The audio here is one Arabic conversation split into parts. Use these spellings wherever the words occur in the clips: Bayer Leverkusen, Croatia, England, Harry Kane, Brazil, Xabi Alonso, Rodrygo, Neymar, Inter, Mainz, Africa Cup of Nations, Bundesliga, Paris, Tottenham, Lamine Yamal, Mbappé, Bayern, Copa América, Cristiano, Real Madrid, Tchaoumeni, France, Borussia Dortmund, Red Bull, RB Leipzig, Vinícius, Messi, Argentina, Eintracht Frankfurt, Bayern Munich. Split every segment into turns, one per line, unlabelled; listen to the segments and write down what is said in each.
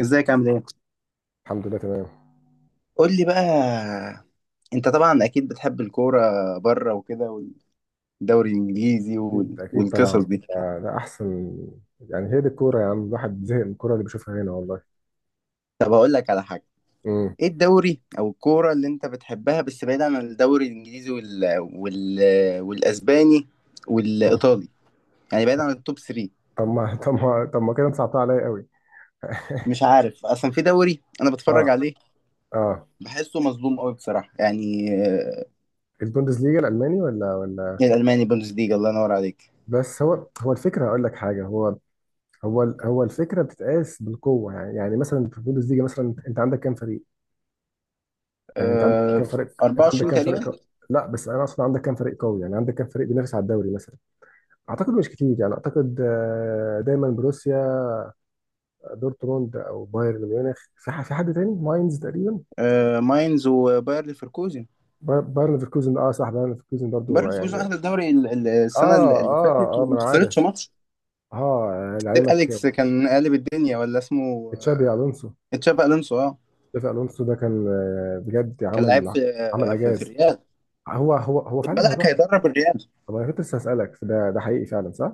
ازيك عامل ايه؟
الحمد لله تمام.
قول لي بقى. انت طبعا اكيد بتحب الكوره بره وكده، والدوري الانجليزي
اكيد
والقصص
طبعا،
دي.
ده احسن. يعني هي دي الكوره يا عم، الواحد زهق من الكوره اللي بيشوفها هنا والله.
طب اقول لك على حاجه.
امم
ايه الدوري او الكوره اللي انت بتحبها؟ بس بعيد عن الدوري الانجليزي والاسباني والايطالي، يعني بعيد عن التوب 3.
طب ما كده انت صعبتها عليا قوي.
مش عارف اصلا في دوري انا
اه
بتفرج عليه،
اه
بحسه مظلوم قوي بصراحه يعني.
البوندسليجا الالماني. ولا
الالماني بوندسليجا، الله ينور عليك.
بس هو الفكره، اقول لك حاجه. هو الفكره بتتقاس بالقوه. يعني مثلا في البوندسليجا، مثلا انت عندك كام فريق، يعني انت عندك
آه،
كام فريق، انت عندك
24
كام فريق
تقريبا.
قوي؟ لا بس انا اصلا عندك كام فريق قوي، يعني عندك كام فريق بينافس على الدوري مثلا. اعتقد مش كتير، يعني اعتقد دايما بروسيا دورتموند او بايرن ميونخ، في في حد تاني ماينز تقريبا.
ماينز وباير ليفركوزن.
بايرن ليفركوزن، اه صح، بايرن ليفركوزن برضو
بايرن ليفركوزن
يعني.
اخذ الدوري السنه
اه
اللي فاتت
اه اه ما
وما
انا عارف.
خسرتش ماتش.
اه
سير
لعلمك،
اليكس كان قالب الدنيا، ولا اسمه
تشابي الونسو.
تشابي الونسو، اه.
تشابي الونسو ده كان بجد
كان لعيب
عمل،
في
عمل
آه، في, في
اعجاز.
الريال.
هو
خد
فعلا
بالك
هيروح.
هيدرب الريال.
طب انا كنت لسه هسالك، ده حقيقي فعلا صح؟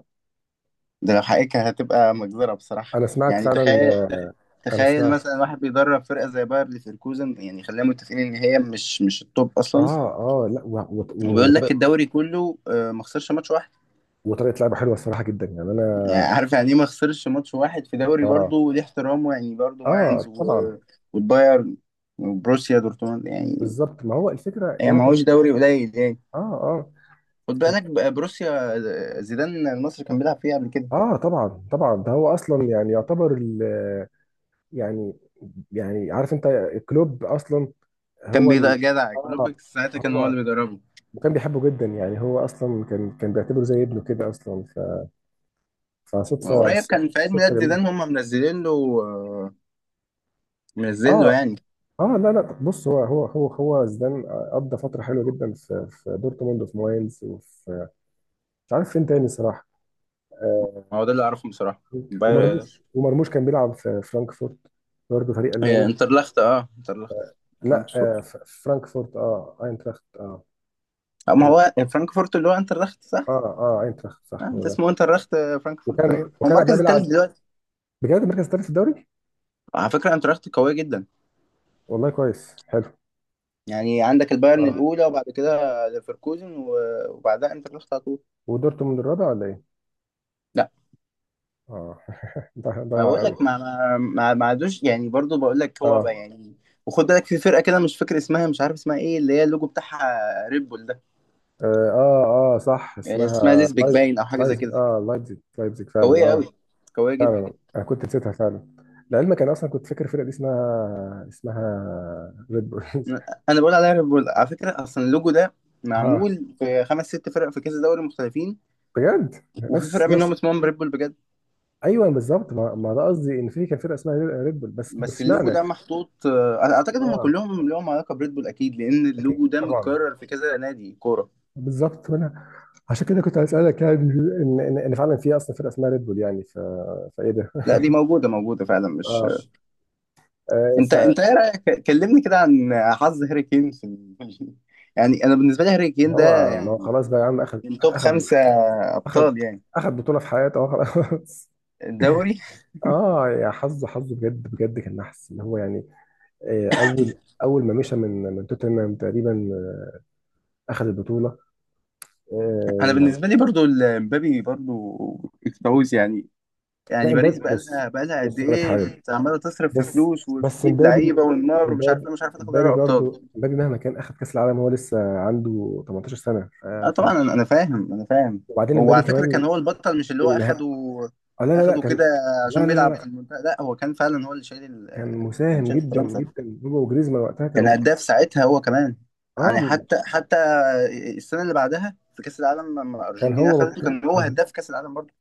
ده لو حقيقة هتبقى مجزرة بصراحة.
انا سمعت
يعني
فعلا
تخيل.
انا
تخيل
سمعت.
مثلا واحد بيدرب فرقة زي باير ليفركوزن، يعني خلينا متفقين ان هي مش التوب اصلا.
اه اه لا
وبيقول لك
وطريقه،
الدوري كله ما خسرش ماتش واحد.
وطريقه لعبه حلوه الصراحه جدا يعني
يعني
انا.
عارف يعني ايه ما خسرش ماتش واحد في دوري؟ برضه
اه
ودي احترامه يعني، برضه ماينز
اه طبعا.
والبايرن وبروسيا دورتموند يعني.
بالظبط، ما هو الفكره اللي
هي
انا
ما
كنت.
هوش دوري قليل يعني.
اه اه
خد بالك بروسيا، زيدان المصري كان بيلعب فيها قبل كده.
اه طبعا طبعا، ده هو اصلا يعني يعتبر يعني، يعني عارف انت، كلوب اصلا.
كان
هو
بيضا
ال...
جدع كلوب
اه،
ساعتها كان هو
هو،
اللي بيدربه.
وكان بيحبه جدا يعني، هو اصلا كان بيعتبره زي ابنه كده اصلا. فصدفه،
قريب كان
صدفه
في عيد
صدفة
ميلاد
جميله.
زيدان هم منزلين له، آه، منزلين له
اه
يعني.
اه لا لا بص، هو زيدان قضى فتره حلوه جدا في في دورتموند وفي ماينز وفي، مش عارف فين تاني صراحه. آه.
هو ده اللي اعرفه بصراحه. باير-
ومرموش، ومرموش كان بيلعب في فرانكفورت برضه، فريق الماني.
انترلخت،
لا
فرانكفورت.
آه فرانكفورت، اه اينتراخت اه.
ما
و...
هو فرانكفورت اللي هو انترلخت.
اه اه اينتراخت، صح هو
انت
ده.
اسمه انترخت. فرانكفورت،
وكان
ايوه هو
وكان قبلها
المركز الثالث
بيلعب.
دلوقتي.
بجد المركز الثالث في الدوري.
على فكره انترخت قويه جدا.
والله كويس، حلو.
يعني عندك البايرن
اه،
الاولى، وبعد كده ليفركوزن، وبعدها انترخت على طول.
ودورتموند الرابع ولا ايه؟
لا،
اه. ضيع
ما
ضيع
بقول
قوي.
لك ما عادوش يعني، برضو بقول لك هو بقى
اه
يعني. وخد بالك في فرقه كده، مش فاكر اسمها، مش عارف اسمها ايه، اللي هي اللوجو بتاعها ريد بول ده.
اه اه صح،
اسمها
اسمها
ليزبيك
لايز.
باين، او حاجه زي
لايز،
كده.
اه لايبزيج، لايبزيج فعلا
قويه
اه.
قوي، قويه جدا.
فعلا انا كنت نسيتها فعلا. لعلمك انا اصلا كنت فاكر الفرقه دي اسمها، اسمها ريد بولز.
انا بقول عليها ريد بول على فكره، اصلا اللوجو ده
اه
معمول في خمس ست فرق في كذا دوري مختلفين،
بجد،
وفي فرقه
نفس نفس.
منهم اسمهم ريد بول بجد.
ايوه بالظبط، ما, ده قصدي ان في كان فرقه اسمها ريد بول، بس بس
بس اللوجو
اشمعنى.
ده محطوط، انا اعتقد هم
اه
كلهم لهم علاقه بريد بول اكيد، لان
اكيد
اللوجو ده
طبعا.
متكرر في كذا نادي كوره.
بالظبط وانا عشان كده كنت هسألك، يعني ان إن فعلا في اصلا فرقه اسمها ريد بول يعني. فايه ده؟
لا دي موجوده، موجوده فعلا، مش
اه
آه.
آه.
انت ايه رايك؟ كلمني كده عن حظ هاري كين في يعني انا بالنسبه لي هاري كين ده
فهو ما هو
يعني
خلاص بقى يا عم، اخد
من توب
اخد
خمسه
اخد
ابطال يعني
اخد بطوله في حياته، اه خلاص.
الدوري.
اه يا حظه، حظه بجد بجد كان نحس اللي هو يعني. اول ما مشى من من توتنهام تقريبا، آه، اخد البطوله،
انا
يعني.
بالنسبه لي برضو مبابي برضو، الكاوس يعني.
لا
يعني
امبابي
باريس بقى
بص،
لها بقى لها قد
بص أقول لك
ايه
حاجه.
عماله تصرف في
بس
فلوس
بس
وتجيب
مبابي،
لعيبه والنار ومش عارف
مبابي
ايه، مش عارفه تاخد
مبابي
دوري
برضو،
ابطال.
مبابي مهما كان اخد كاس العالم هو لسه عنده 18 سنه.
اه
ف...
طبعا انا فاهم.
وبعدين
هو
مبابي
على فكره
كمان.
كان هو البطل، مش اللي هو
النها...
اخده.
آه لا لا لا
اخده كده
كان، لا
عشان
لا
بيلعب في
لا
المنتخب. لا هو كان فعلا هو اللي شايل
كان
كان
مساهم
شايل
جدا
فرنسا.
جدا، هو وجريزمان وقتها
كان
كانوا.
هداف ساعتها هو كمان. يعني
اه
حتى السنه اللي بعدها في كاس العالم، لما
كان
الارجنتين
هو
اخدته، كان هو هداف كاس العالم برضه.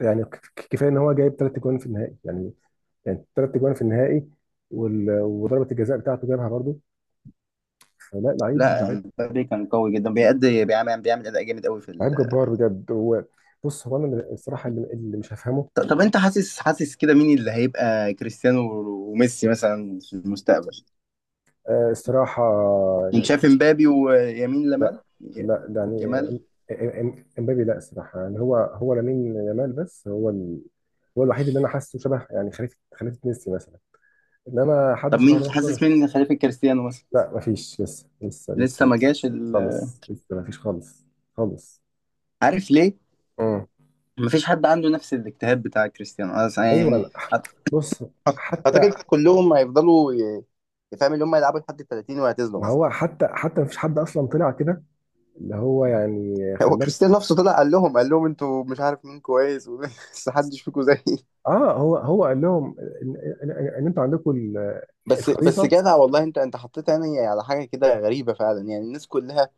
يعني كفايه ان هو جايب ثلاث اجوان في النهائي يعني، يعني ثلاث اجوان في النهائي. وضربه الجزاء بتاعته جابها برضو. فلا، لعيب
لا
لعيب
مبابي كان قوي جدا، بيأدي، بيعمل اداء جامد قوي في
لعيب جبار بجد هو. بص هو انا الصراحه اللي مش هفهمه.
طب انت حاسس كده مين اللي هيبقى كريستيانو وميسي مثلا في المستقبل؟
الصراحه.
انت شايف مبابي ويمين لمال،
لا لا ده
جمال؟
يعني امبابي، لا الصراحه يعني، هو لامين يامال، بس هو الوحيد اللي انا حاسه شبه يعني، خليفه ميسي مثلا. انما حد
طب
شبه
مين
رونالدو أنا
حاسس؟ مين إن خليفه كريستيانو مثلا؟
لا مفيش، لسه لسه لسه
لسه ما
لسه
جاش
خالص، لسه مفيش خالص، خالص.
عارف ليه؟
امم
مفيش حد عنده نفس الاجتهاد بتاع كريستيانو، أنا
ايوه
يعني
لا.
حتى،
بص، حتى،
اعتقد كلهم هيفضلوا يفهم اللي هم يلعبوا لحد ال 30 ويعتزلوا
ما
مثلا.
هو حتى مفيش حد اصلا طلع كده اللي هو يعني
هو
خلاك.
كريستيانو نفسه طلع قال لهم انتوا مش عارف مين كويس بس محدش فيكم زيي.
اه هو قال لهم ان، إن انتوا عندكم
بس
الخريطه.
جدع والله، انت حطيت يعني على حاجه كده غريبه فعلا، يعني الناس كلها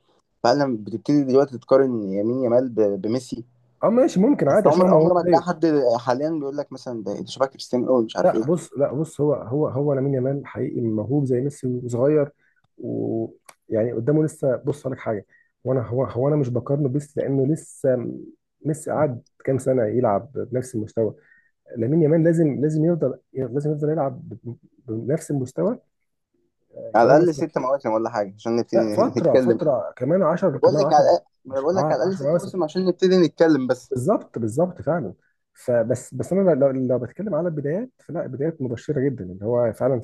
فعلا بتبتدي دلوقتي تقارن يمين يامال بميسي.
اه ماشي، ممكن
بس
عادي، عشان
عمر
هو
عمر
موهوب
ما تلاقي
زيه.
حد حاليا بيقول لك مثلا ده شبه كريستيانو قوي مش عارف
لا
ايه.
بص، لا بص، هو لامين يامال حقيقي موهوب زي ميسي وصغير، ويعني قدامه لسه، بص لك حاجه. وانا هو هو انا مش بقارنه بميسي لانه ميسي قعد كام سنه يلعب بنفس المستوى. لامين يامال لازم يفضل، لازم يفضل يلعب بنفس المستوى.
على
كمان
الاقل
مثلا.
ست مواسم ولا حاجه عشان نبتدي
لا فتره،
نتكلم.
فتره كمان 10،
بقول
كمان
لك على
10،
الأقل- ما أنا
مش
بقول لك على الاقل
10
ست
مثلا.
مواسم عشان نبتدي نتكلم بس.
بالظبط فعلا. فبس انا لو، لو بتكلم على البدايات فلا، بدايات مبشره جدا اللي هو فعلا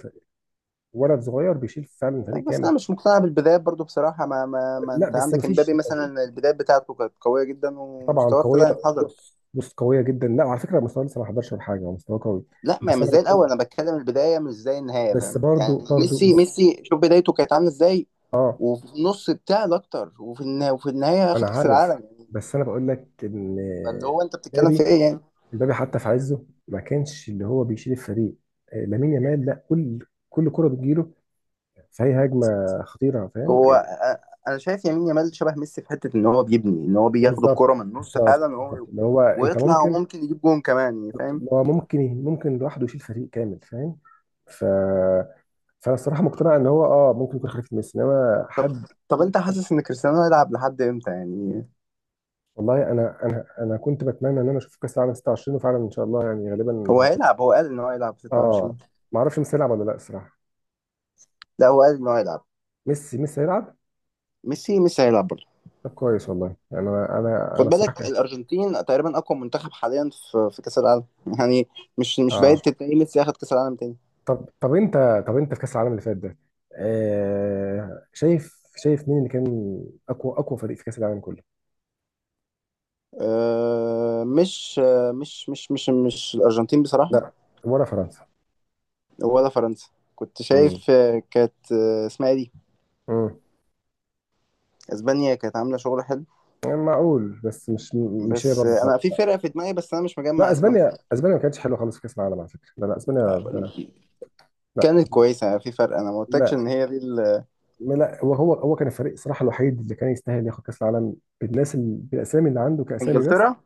ولد صغير بيشيل فعلا فريق
بس
كامل.
انا مش مقتنع بالبدايات برضو بصراحه. ما
لا
انت
بس
عندك
مفيش.
امبابي مثلا البدايات بتاعته كانت قويه جدا،
طبعا
ومستواه ابتدى
قويه.
ينحدر.
بص بص قويه جدا، لا على فكره مستواه لسه ما حضرش ولا حاجه، هو مستواه قوي.
لا ما،
بس
مش
انا
زي
بتكلم،
الاول، انا بتكلم البدايه مش زي النهايه
بس
فاهم
برضو
يعني؟
برضو
ميسي شوف بدايته كانت عامله ازاي،
اه
وفي النص بتاع اكتر، وفي النهايه
انا
اخد كاس
عارف،
العالم يعني،
بس انا بقول لك ان
فاللي هو انت بتتكلم في
امبابي،
ايه يعني؟
امبابي حتى في عزه ما كانش اللي هو بيشيل الفريق. لامين يامال لا، كل كل كره بتجيله فهي هجمه خطيره فاهم
هو
يعني.
انا شايف يمين يامال شبه ميسي في حته ان هو بيبني، ان هو بياخد
بالظبط
الكره من النص
بالظبط
فعلا، وهو
بالظبط اللي هو انت
ويطلع
ممكن،
وممكن يجيب جون كمان، يعني فاهم.
اللي هو ممكن، ممكن لوحده يشيل فريق كامل فاهم. ف فانا الصراحه مقتنع ان هو اه ممكن يكون خليفه ميسي، انما
طب
حد.
طب انت حاسس ان كريستيانو هيلعب لحد امتى يعني؟
والله انا انا كنت بتمنى ان انا اشوف كاس العالم 26، وفعلا ان شاء الله يعني غالبا
هو
هيكون
هيلعب، هو قال ان هو هيلعب
اه.
26.
ما اعرفش ميسي هيلعب ولا لا الصراحه.
لا هو قال ان هو هيلعب.
ميسي هيلعب.
ميسي هيلعب برضه.
طب كويس والله، يعني انا انا
خد
انا الصراحه
بالك
كان-
الارجنتين تقريبا اقوى منتخب حاليا في كاس العالم يعني، مش
اه.
بعيد تلاقي ميسي ياخد كاس العالم تاني.
طب انت، طب انت في كاس العالم اللي فات ده، آه، شايف، شايف مين اللي كان اقوى، اقوى فريق في كاس العالم كله؟
أه مش مش مش مش الارجنتين بصراحه،
لا، ولا فرنسا.
ولا فرنسا. كنت
امم
شايف كانت اسمها إيه دي؟
امم،
اسبانيا كانت عامله شغل حلو.
يعني معقول بس مش، مش هي
بس
برضه خالص.
انا في فرقه في دماغي، بس انا مش مجمع
لا
اسمها.
اسبانيا، اسبانيا ما كانتش حلوه خالص في كاس العالم على فكره، لا لا اسبانيا
آه،
لا
كانت كويسه يعني في فرق، انا ما قلتكش
لا
ان هي دي
لا هو كان الفريق الصراحه الوحيد اللي كان يستاهل ياخد كاس العالم بالناس بالاسامي اللي عنده كاسامي بس.
انجلترا.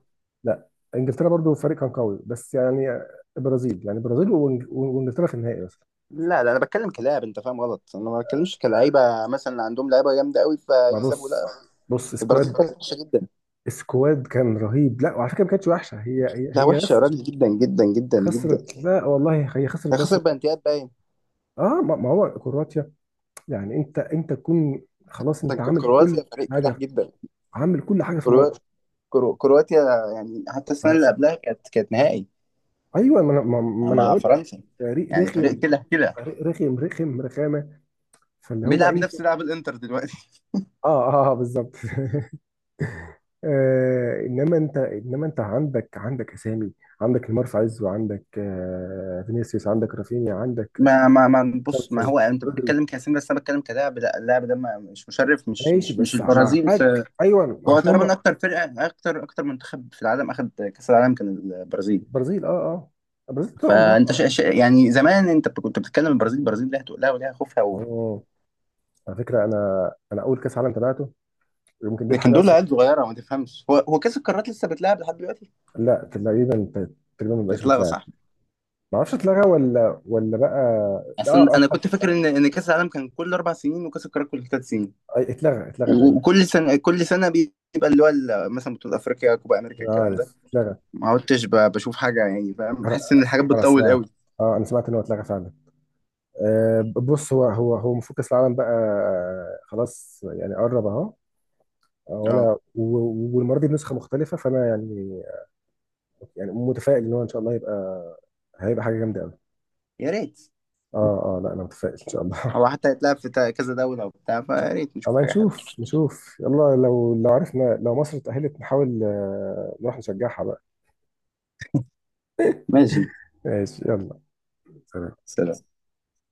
لا، انجلترا برضو فريق كان قوي بس يعني. البرازيل يعني، البرازيل وانجلترا في النهائي بس.
لا لا انا بتكلم كلاعب، انت فاهم غلط، انا ما بتكلمش كلعيبه. مثلا عندهم لعيبه جامده قوي
ما
فيكسبوا لا.
بص، بص
البرازيل
سكواد،
كانت وحشه جدا.
سكواد كان رهيب، لا وعلى فكره ما كانتش وحشه، هي
لا
هي
وحشه يا
بس
راجل، جدا جدا جدا جدا.
خسرت، لا والله هي خسرت
هي
بس.
خسر بنتيات باين.
اه ما هو كرواتيا يعني، انت تكون خلاص، انت
مثلاً
عامل
كرواتيا
كل
فريق كلاح
حاجه،
جدا.
عامل كل حاجه في
كرو...
الماتش.
كرواتيا يعني حتى السنه اللي قبلها كانت نهائي
ايوه ما انا، ما
يعني
انا
مع
بقول لك
فرنسا،
فريق
يعني فريق
رخم،
كده كده
فريق رخم رخامه. فاللي هو
بيلعب
انت
نفس لعب الانتر دلوقتي.
اه اه بالظبط. آه انما انت، انما انت عندك، عندك اسامي، عندك نيمار في عزه، عندك آه فينيسيوس، عندك رافينيا، عندك
ما بص، ما
تشاومسون،
هو انت
رودري.
بتتكلم كاسم بس انا بتكلم كلاعب. لا اللاعب ده مش مشرف، مش
ماشي
مش مش
بس
البرازيل في،
معاك ايوه،
هو
عشان
تقريبا
هم
اكتر فرقه، اكتر منتخب في العالم اخذ كاس العالم كان البرازيل.
البرازيل، اه اه البرازيل طول
فانت
عمرها.
شا شا يعني زمان انت كنت بتتكلم البرازيل ليها تقلها وليها خوفها
اه، على فكره انا اول كاس عالم تابعته يمكن دي
لكن
الحاجه
دول
اصلا.
عيال صغيره ما تفهمش. هو كاس القارات لسه بيتلعب لحد دلوقتي؟
لا تقريبا، تقريبا ما بقاش
يتلغى
بتلعب.
صح.
ما اعرفش اتلغى ولا ولا بقى.
اصلا
اه
انا
اه
كنت فاكر ان كاس العالم كان كل اربع سنين وكاس القارات كل ثلاث سنين،
اتلغى تقريبا.
وكل سنه بيبقى اللي هو مثلا بطوله افريقيا، كوبا امريكا،
أنا
الكلام
عارف،
ده
اتلغى.
ما عدتش بشوف حاجه يعني فاهم،
انا
بحس ان الحاجات
انا
بتطول قوي.
سمعت، اه انا سمعت ان هو اتلغى فعلا. آه بص هو المفروض كاس العالم بقى خلاص يعني قرب اهو.
اه
وانا والمره دي بنسخه مختلفه فانا يعني، يعني متفائل ان هو ان شاء الله هيبقى، هيبقى حاجه جامده قوي.
يا ريت.
اه اه لا انا متفائل ان شاء الله.
هو حتى هيتلعب في كذا دوله وبتاع، فيا ريت نشوف
اما
حاجه حلوه.
نشوف، نشوف يلا، لو لو عرفنا لو مصر اتأهلت نحاول نروح نشجعها بقى.
ماشي.
ماشي يلا. سلام.
سلام.